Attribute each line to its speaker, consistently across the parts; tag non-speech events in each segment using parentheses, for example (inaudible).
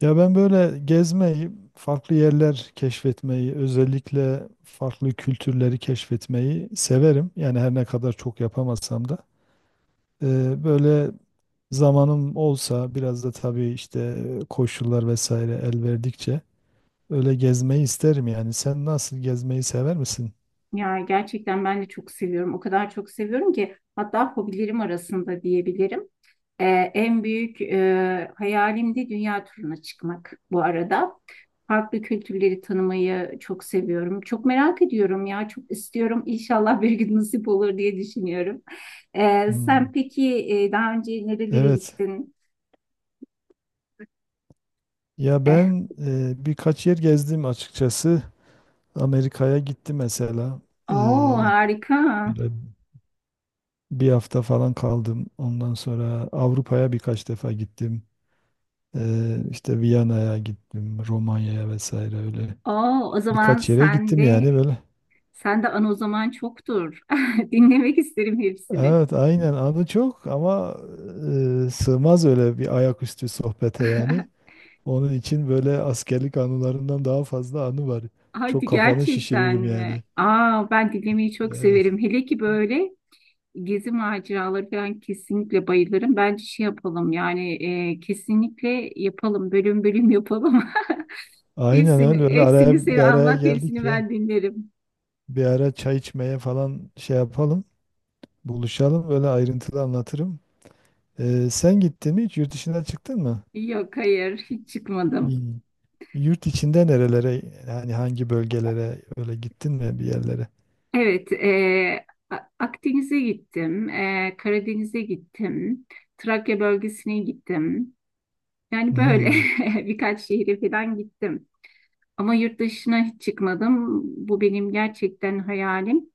Speaker 1: Ya ben böyle gezmeyi, farklı yerler keşfetmeyi, özellikle farklı kültürleri keşfetmeyi severim. Yani her ne kadar çok yapamasam da. Böyle zamanım olsa biraz da tabii işte koşullar vesaire el verdikçe öyle gezmeyi isterim yani. Sen nasıl gezmeyi sever misin?
Speaker 2: Ya gerçekten ben de çok seviyorum. O kadar çok seviyorum ki hatta hobilerim arasında diyebilirim. Ee, en büyük hayalim de dünya turuna çıkmak bu arada. Farklı kültürleri tanımayı çok seviyorum. Çok merak ediyorum ya, çok istiyorum. İnşallah bir gün nasip olur diye düşünüyorum. Sen
Speaker 1: Hmm.
Speaker 2: peki daha önce nerelere
Speaker 1: Evet.
Speaker 2: gittin?
Speaker 1: Ya
Speaker 2: Eh,
Speaker 1: ben birkaç yer gezdim açıkçası. Amerika'ya gittim mesela. Ee,
Speaker 2: oo, harika.
Speaker 1: böyle Bir hafta falan kaldım. Ondan sonra Avrupa'ya birkaç defa gittim. İşte Viyana'ya gittim, Romanya'ya vesaire öyle.
Speaker 2: Oo, o zaman
Speaker 1: Birkaç yere
Speaker 2: sen
Speaker 1: gittim
Speaker 2: de
Speaker 1: yani böyle.
Speaker 2: sen de anı o zaman çoktur. (laughs) Dinlemek isterim hepsini.
Speaker 1: Evet, aynen adı çok ama sığmaz öyle bir ayaküstü sohbete
Speaker 2: (laughs)
Speaker 1: yani. Onun için böyle askerlik anılarından daha fazla anı var. Çok
Speaker 2: Hadi,
Speaker 1: kafanı
Speaker 2: gerçekten
Speaker 1: şişiririm yani.
Speaker 2: mi? Aa, ben dinlemeyi çok
Speaker 1: Evet.
Speaker 2: severim. Hele ki böyle gezi maceraları falan kesinlikle bayılırım. Bence şey yapalım yani kesinlikle yapalım. Bölüm bölüm yapalım. (laughs)
Speaker 1: Aynen
Speaker 2: Hepsini,
Speaker 1: öyle öyle
Speaker 2: hepsini
Speaker 1: araya bir
Speaker 2: sen
Speaker 1: araya
Speaker 2: anlat, hepsini
Speaker 1: geldik ya.
Speaker 2: ben dinlerim.
Speaker 1: Bir ara çay içmeye falan şey yapalım. Buluşalım böyle ayrıntılı anlatırım. Sen gittin mi hiç? Yurt dışına çıktın mı?
Speaker 2: Yok, hayır, hiç çıkmadım.
Speaker 1: Hmm. Yurt içinde nerelere, yani hangi bölgelere öyle gittin mi bir yerlere?
Speaker 2: Evet Akdeniz'e gittim. E, Karadeniz'e gittim. Trakya bölgesine gittim. Yani böyle
Speaker 1: Hmm.
Speaker 2: (laughs) birkaç şehre falan gittim. Ama yurt dışına hiç çıkmadım. Bu benim gerçekten hayalim.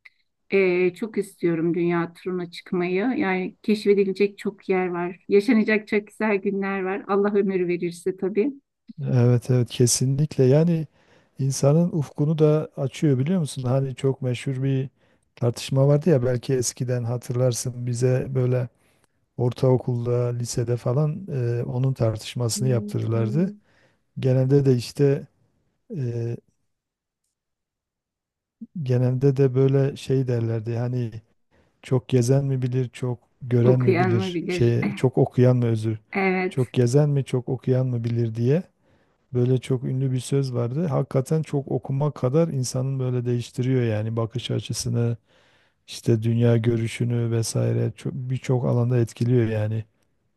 Speaker 2: Çok istiyorum dünya turuna çıkmayı. Yani keşfedilecek çok yer var. Yaşanacak çok güzel günler var. Allah ömür verirse tabii.
Speaker 1: Evet evet, kesinlikle yani insanın ufkunu da açıyor biliyor musun? Hani çok meşhur bir tartışma vardı ya, belki eskiden hatırlarsın, bize böyle ortaokulda lisede falan onun tartışmasını yaptırırlardı. Genelde de işte, e, genelde de böyle şey derlerdi hani, çok gezen mi bilir, çok gören mi
Speaker 2: Okuyan mı
Speaker 1: bilir,
Speaker 2: bilir?
Speaker 1: şey,
Speaker 2: (laughs)
Speaker 1: çok okuyan mı, özür,
Speaker 2: Evet.
Speaker 1: çok gezen mi, çok okuyan mı bilir diye böyle çok ünlü bir söz vardı. Hakikaten çok okumak kadar insanın böyle değiştiriyor yani bakış açısını, işte dünya görüşünü vesaire çok, birçok alanda etkiliyor yani.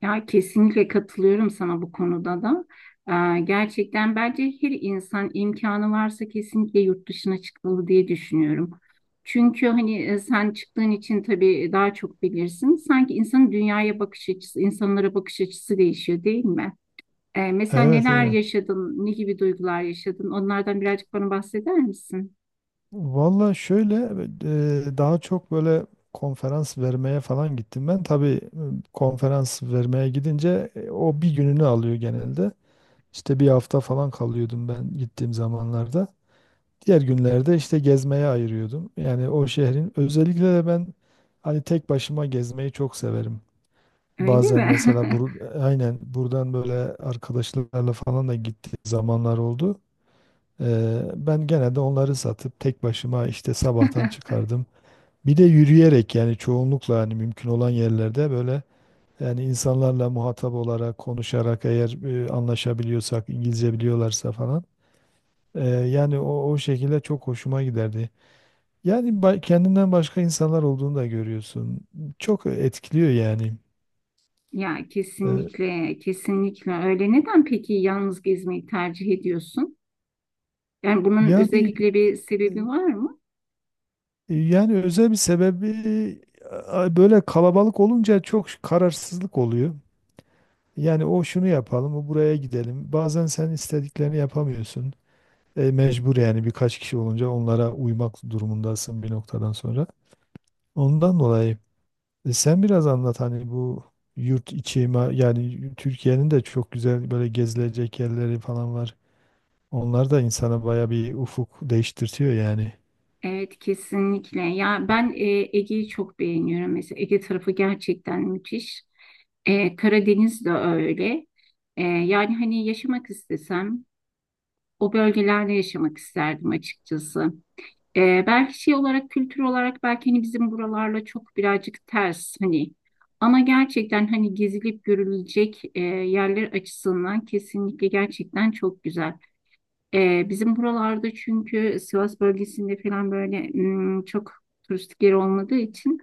Speaker 2: Ya kesinlikle katılıyorum sana bu konuda da. Gerçekten bence her insan imkanı varsa kesinlikle yurt dışına çıkmalı diye düşünüyorum. Çünkü hani sen çıktığın için tabii daha çok bilirsin. Sanki insanın dünyaya bakış açısı, insanlara bakış açısı değişiyor değil mi? Mesela
Speaker 1: Evet
Speaker 2: neler
Speaker 1: evet.
Speaker 2: yaşadın, ne gibi duygular yaşadın? Onlardan birazcık bana bahseder misin?
Speaker 1: Valla şöyle, daha çok böyle konferans vermeye falan gittim ben. Tabii konferans vermeye gidince o bir gününü alıyor genelde. İşte bir hafta falan kalıyordum ben gittiğim zamanlarda. Diğer günlerde işte gezmeye ayırıyordum. Yani o şehrin, özellikle de ben hani tek başıma gezmeyi çok severim.
Speaker 2: Öyle
Speaker 1: Bazen
Speaker 2: mi?
Speaker 1: mesela aynen buradan böyle arkadaşlarla falan da gittiğim zamanlar oldu. Ben gene de onları satıp tek başıma işte sabahtan
Speaker 2: (laughs)
Speaker 1: çıkardım. Bir de yürüyerek yani çoğunlukla hani mümkün olan yerlerde böyle, yani insanlarla muhatap olarak konuşarak, eğer anlaşabiliyorsak, İngilizce biliyorlarsa falan, yani o şekilde çok hoşuma giderdi. Yani kendinden başka insanlar olduğunu da görüyorsun. Çok etkiliyor yani.
Speaker 2: Ya
Speaker 1: Ee,
Speaker 2: kesinlikle, kesinlikle öyle. Neden peki yalnız gezmeyi tercih ediyorsun? Yani bunun
Speaker 1: yani
Speaker 2: özellikle bir sebebi
Speaker 1: e,
Speaker 2: var mı?
Speaker 1: yani özel bir sebebi, böyle kalabalık olunca çok kararsızlık oluyor. Yani o şunu yapalım, o buraya gidelim. Bazen sen istediklerini yapamıyorsun. E, mecbur yani birkaç kişi olunca onlara uymak durumundasın bir noktadan sonra. Ondan dolayı. E, sen biraz anlat hani bu yurt içi, yani Türkiye'nin de çok güzel böyle gezilecek yerleri falan var. Onlar da insana baya bir ufuk değiştirtiyor yani.
Speaker 2: Evet, kesinlikle. Ya ben Ege'yi çok beğeniyorum. Mesela Ege tarafı gerçekten müthiş. E, Karadeniz de öyle. E, yani hani yaşamak istesem o bölgelerde yaşamak isterdim açıkçası. E, belki şey olarak, kültür olarak belki hani bizim buralarla çok birazcık ters hani. Ama gerçekten hani gezilip görülecek yerler açısından kesinlikle gerçekten çok güzel. Bizim buralarda çünkü Sivas bölgesinde falan böyle çok turistik yer olmadığı için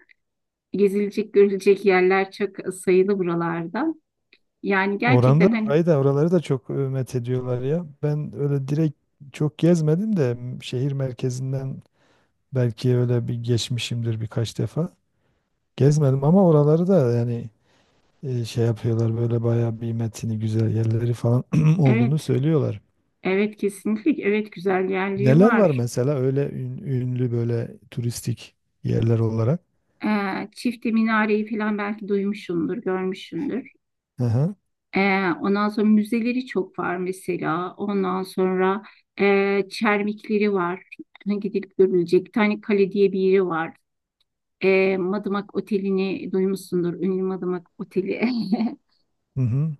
Speaker 2: gezilecek, görülecek yerler çok sayılı buralarda. Yani
Speaker 1: Oranda
Speaker 2: gerçekten hani
Speaker 1: orayı da, oraları da çok met ediyorlar ya. Ben öyle direkt çok gezmedim de şehir merkezinden belki öyle bir geçmişimdir birkaç defa. Gezmedim ama oraları da yani şey yapıyorlar, böyle baya bir metini güzel yerleri falan (clears throat) olduğunu
Speaker 2: evet,
Speaker 1: söylüyorlar.
Speaker 2: evet, kesinlikle, evet, güzel yerleri
Speaker 1: Neler var
Speaker 2: var.
Speaker 1: mesela öyle ünlü böyle turistik yerler olarak?
Speaker 2: Çifte Minare'yi falan belki duymuşsundur, görmüşsündür.
Speaker 1: Hı hı.
Speaker 2: Ondan sonra müzeleri çok var mesela. Ondan sonra çermikleri var. Hani gidip görülecek. Bir tane kale diye bir yeri var. E, Madımak Oteli'ni duymuşsundur. Ünlü Madımak Oteli. (laughs)
Speaker 1: Hı hı.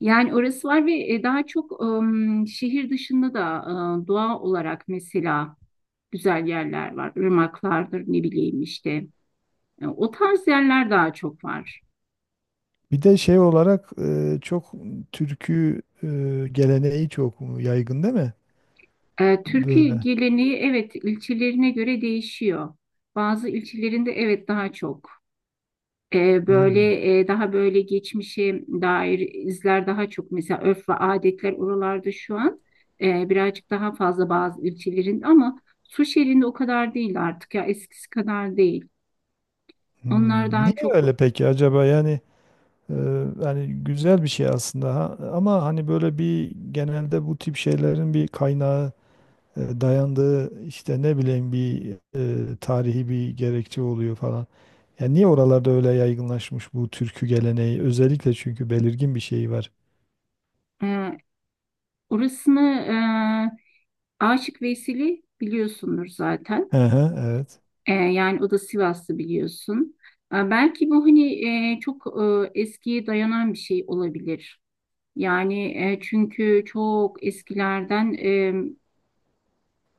Speaker 2: Yani orası var ve daha çok şehir dışında da doğa olarak mesela güzel yerler var. Irmaklardır ne bileyim işte. E, o tarz yerler daha çok var.
Speaker 1: Bir de şey olarak çok türkü geleneği çok yaygın değil mi?
Speaker 2: E, türkü
Speaker 1: Böyle.
Speaker 2: geleneği evet ilçelerine göre değişiyor. Bazı ilçelerinde evet daha çok.
Speaker 1: Hmm.
Speaker 2: Daha böyle geçmişe dair izler daha çok, mesela örf ve adetler oralarda şu an birazcık daha fazla bazı ülkelerin, ama Suşeli'nde o kadar değil artık, ya eskisi kadar değil. Onlar
Speaker 1: Hmm.
Speaker 2: daha
Speaker 1: Niye
Speaker 2: çok
Speaker 1: öyle peki acaba? E, yani güzel bir şey aslında ha? Ama hani böyle bir, genelde bu tip şeylerin bir kaynağı, dayandığı işte, ne bileyim, bir tarihi bir gerekçe oluyor falan. Yani niye oralarda öyle yaygınlaşmış bu türkü geleneği? Özellikle çünkü belirgin bir şeyi var.
Speaker 2: e, orasını e, Aşık Veyseli biliyorsundur zaten.
Speaker 1: Hı hı, evet.
Speaker 2: E, yani o da Sivaslı biliyorsun. E, belki bu hani çok eskiye dayanan bir şey olabilir. Yani çünkü çok eskilerden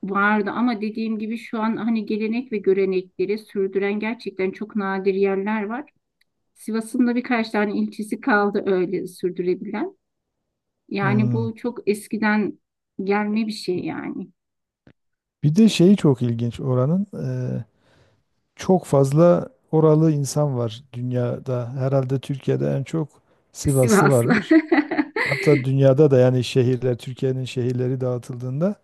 Speaker 2: vardı, ama dediğim gibi şu an hani gelenek ve görenekleri sürdüren gerçekten çok nadir yerler var. Sivas'ın da birkaç tane ilçesi kaldı öyle sürdürebilen. Yani
Speaker 1: Hmm.
Speaker 2: bu çok eskiden gelme bir şey yani.
Speaker 1: Bir de şeyi çok ilginç oranın. e, Çok fazla oralı insan var dünyada. Herhalde Türkiye'de en çok Sivaslı
Speaker 2: Sivaslı.
Speaker 1: varmış. Hatta dünyada da yani, şehirler, Türkiye'nin şehirleri dağıtıldığında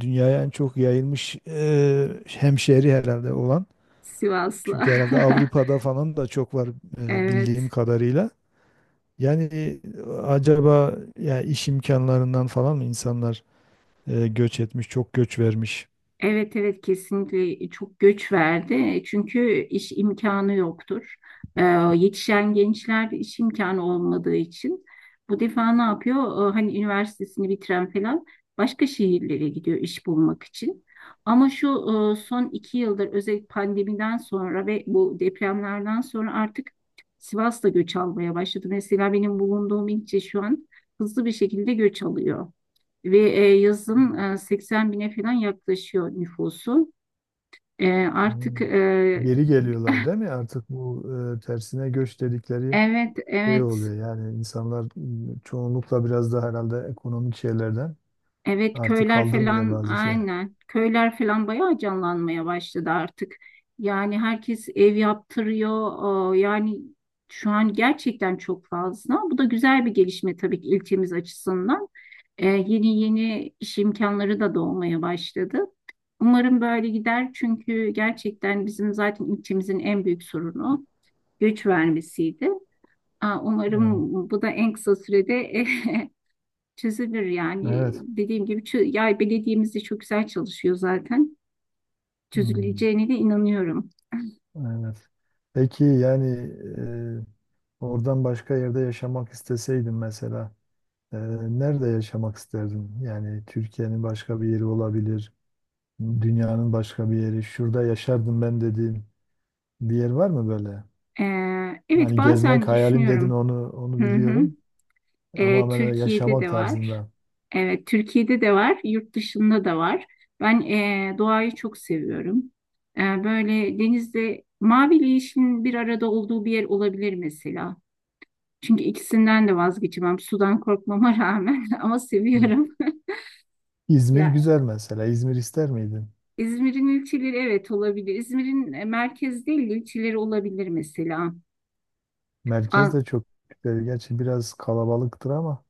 Speaker 1: dünyaya en çok yayılmış hemşehri herhalde olan.
Speaker 2: Sivaslı.
Speaker 1: Çünkü herhalde
Speaker 2: (laughs) (laughs)
Speaker 1: Avrupa'da falan da çok var, bildiğim
Speaker 2: Evet.
Speaker 1: kadarıyla. Yani acaba ya iş imkanlarından falan mı insanlar göç etmiş, çok göç vermiş?
Speaker 2: Evet, evet, kesinlikle çok göç verdi. E, çünkü iş imkanı yoktur. Ee, yetişen gençler iş imkanı olmadığı için bu defa ne yapıyor? Hani üniversitesini bitiren falan başka şehirlere gidiyor iş bulmak için. Ama şu son iki yıldır özellikle pandemiden sonra ve bu depremlerden sonra artık Sivas da göç almaya başladı. Mesela benim bulunduğum ilçe şu an hızlı bir şekilde göç alıyor. Ve yazın
Speaker 1: Hmm,
Speaker 2: 80 bine falan yaklaşıyor nüfusu. E, artık
Speaker 1: hmm.
Speaker 2: e,
Speaker 1: Geri geliyorlar değil mi? Artık bu tersine göç dedikleri
Speaker 2: evet,
Speaker 1: şey
Speaker 2: evet,
Speaker 1: oluyor. Yani insanlar çoğunlukla biraz da herhalde ekonomik şeylerden
Speaker 2: evet,
Speaker 1: artık
Speaker 2: köyler
Speaker 1: kaldırmıyor
Speaker 2: falan,
Speaker 1: bazı şeyler.
Speaker 2: aynen, köyler falan bayağı canlanmaya başladı artık. Yani herkes ev yaptırıyor. E, yani şu an gerçekten çok fazla. Bu da güzel bir gelişme tabii ki ilçemiz açısından. E, yeni yeni iş imkanları da doğmaya başladı. Umarım böyle gider, çünkü gerçekten bizim zaten ilçemizin en büyük sorunu güç vermesiydi. Aa,
Speaker 1: Evet.
Speaker 2: umarım bu da en kısa sürede (laughs) çözülür yani.
Speaker 1: Evet.
Speaker 2: Dediğim gibi yay belediyemiz de çok güzel çalışıyor zaten.
Speaker 1: Hmm,
Speaker 2: Çözüleceğine de inanıyorum.
Speaker 1: evet. Peki yani, e, oradan başka yerde yaşamak isteseydin mesela, e, nerede yaşamak isterdin? Yani Türkiye'nin başka bir yeri olabilir, dünyanın başka bir yeri, şurada yaşardım ben dediğin bir yer var mı böyle?
Speaker 2: Evet,
Speaker 1: Hani
Speaker 2: bazen
Speaker 1: gezmek hayalim dedin,
Speaker 2: düşünüyorum.
Speaker 1: onu
Speaker 2: Hı hı.
Speaker 1: biliyorum
Speaker 2: E,
Speaker 1: ama böyle
Speaker 2: Türkiye'de
Speaker 1: yaşamak
Speaker 2: de var.
Speaker 1: tarzında.
Speaker 2: Evet, Türkiye'de de var, yurt dışında da var. Ben doğayı çok seviyorum. E, böyle denizde maviyle yeşilin bir arada olduğu bir yer olabilir mesela. Çünkü ikisinden de vazgeçemem. Sudan korkmama rağmen (laughs) ama seviyorum.
Speaker 1: İzmir
Speaker 2: Ya
Speaker 1: güzel mesela. İzmir ister miydin?
Speaker 2: İzmir'in ilçeleri evet olabilir. İzmir'in merkez değil de ilçeleri olabilir mesela.
Speaker 1: Merkez de çok güzel. Gerçi biraz kalabalıktır ama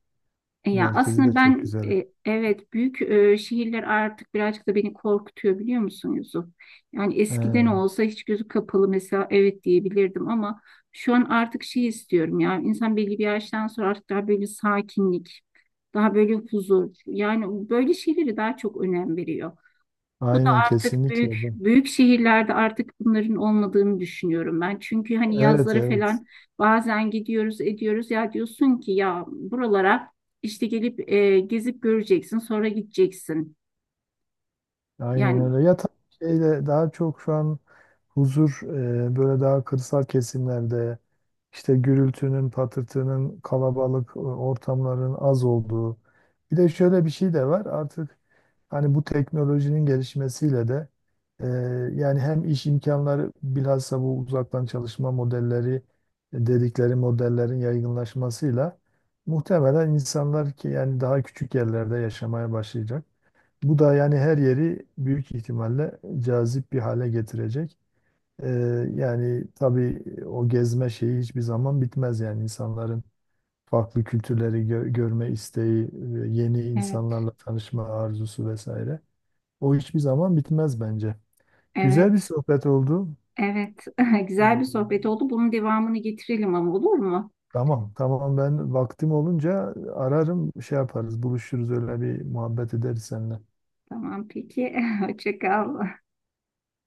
Speaker 2: E, ya
Speaker 1: merkezi de
Speaker 2: aslında
Speaker 1: çok
Speaker 2: ben
Speaker 1: güzel.
Speaker 2: evet, büyük şehirler artık birazcık da beni korkutuyor, biliyor musun Yusuf? Yani
Speaker 1: He,
Speaker 2: eskiden olsa hiç gözü kapalı mesela evet diyebilirdim, ama şu an artık şey istiyorum ya, insan belli bir yaştan sonra artık daha böyle sakinlik, daha böyle huzur, yani böyle şeyleri daha çok önem veriyor. Bu da
Speaker 1: aynen
Speaker 2: artık
Speaker 1: kesinlikle.
Speaker 2: büyük büyük şehirlerde artık bunların olmadığını düşünüyorum ben. Çünkü hani
Speaker 1: Evet
Speaker 2: yazları
Speaker 1: evet.
Speaker 2: falan bazen gidiyoruz ediyoruz ya, diyorsun ki ya buralara işte gelip gezip göreceksin sonra gideceksin.
Speaker 1: Aynen
Speaker 2: Yani
Speaker 1: öyle. Ya tabii şeyde daha çok şu an huzur, böyle daha kırsal kesimlerde, işte gürültünün, patırtının, kalabalık ortamların az olduğu. Bir de şöyle bir şey de var artık, hani bu teknolojinin gelişmesiyle de e, yani hem iş imkanları, bilhassa bu uzaktan çalışma modelleri dedikleri modellerin yaygınlaşmasıyla muhtemelen insanlar ki yani daha küçük yerlerde yaşamaya başlayacak. Bu da yani her yeri büyük ihtimalle cazip bir hale getirecek. Ee, yani tabii o gezme şeyi hiçbir zaman bitmez yani, insanların farklı kültürleri görme isteği, yeni
Speaker 2: evet,
Speaker 1: insanlarla tanışma arzusu vesaire. O hiçbir zaman bitmez bence. Güzel bir
Speaker 2: evet,
Speaker 1: sohbet oldu.
Speaker 2: evet, (laughs) güzel bir sohbet
Speaker 1: Ee,
Speaker 2: oldu. Bunun devamını getirelim ama, olur mu?
Speaker 1: tamam, tamam, ben vaktim olunca ararım, şey yaparız, buluşuruz, öyle bir muhabbet ederiz seninle.
Speaker 2: Tamam peki. (laughs) Hoşça kal.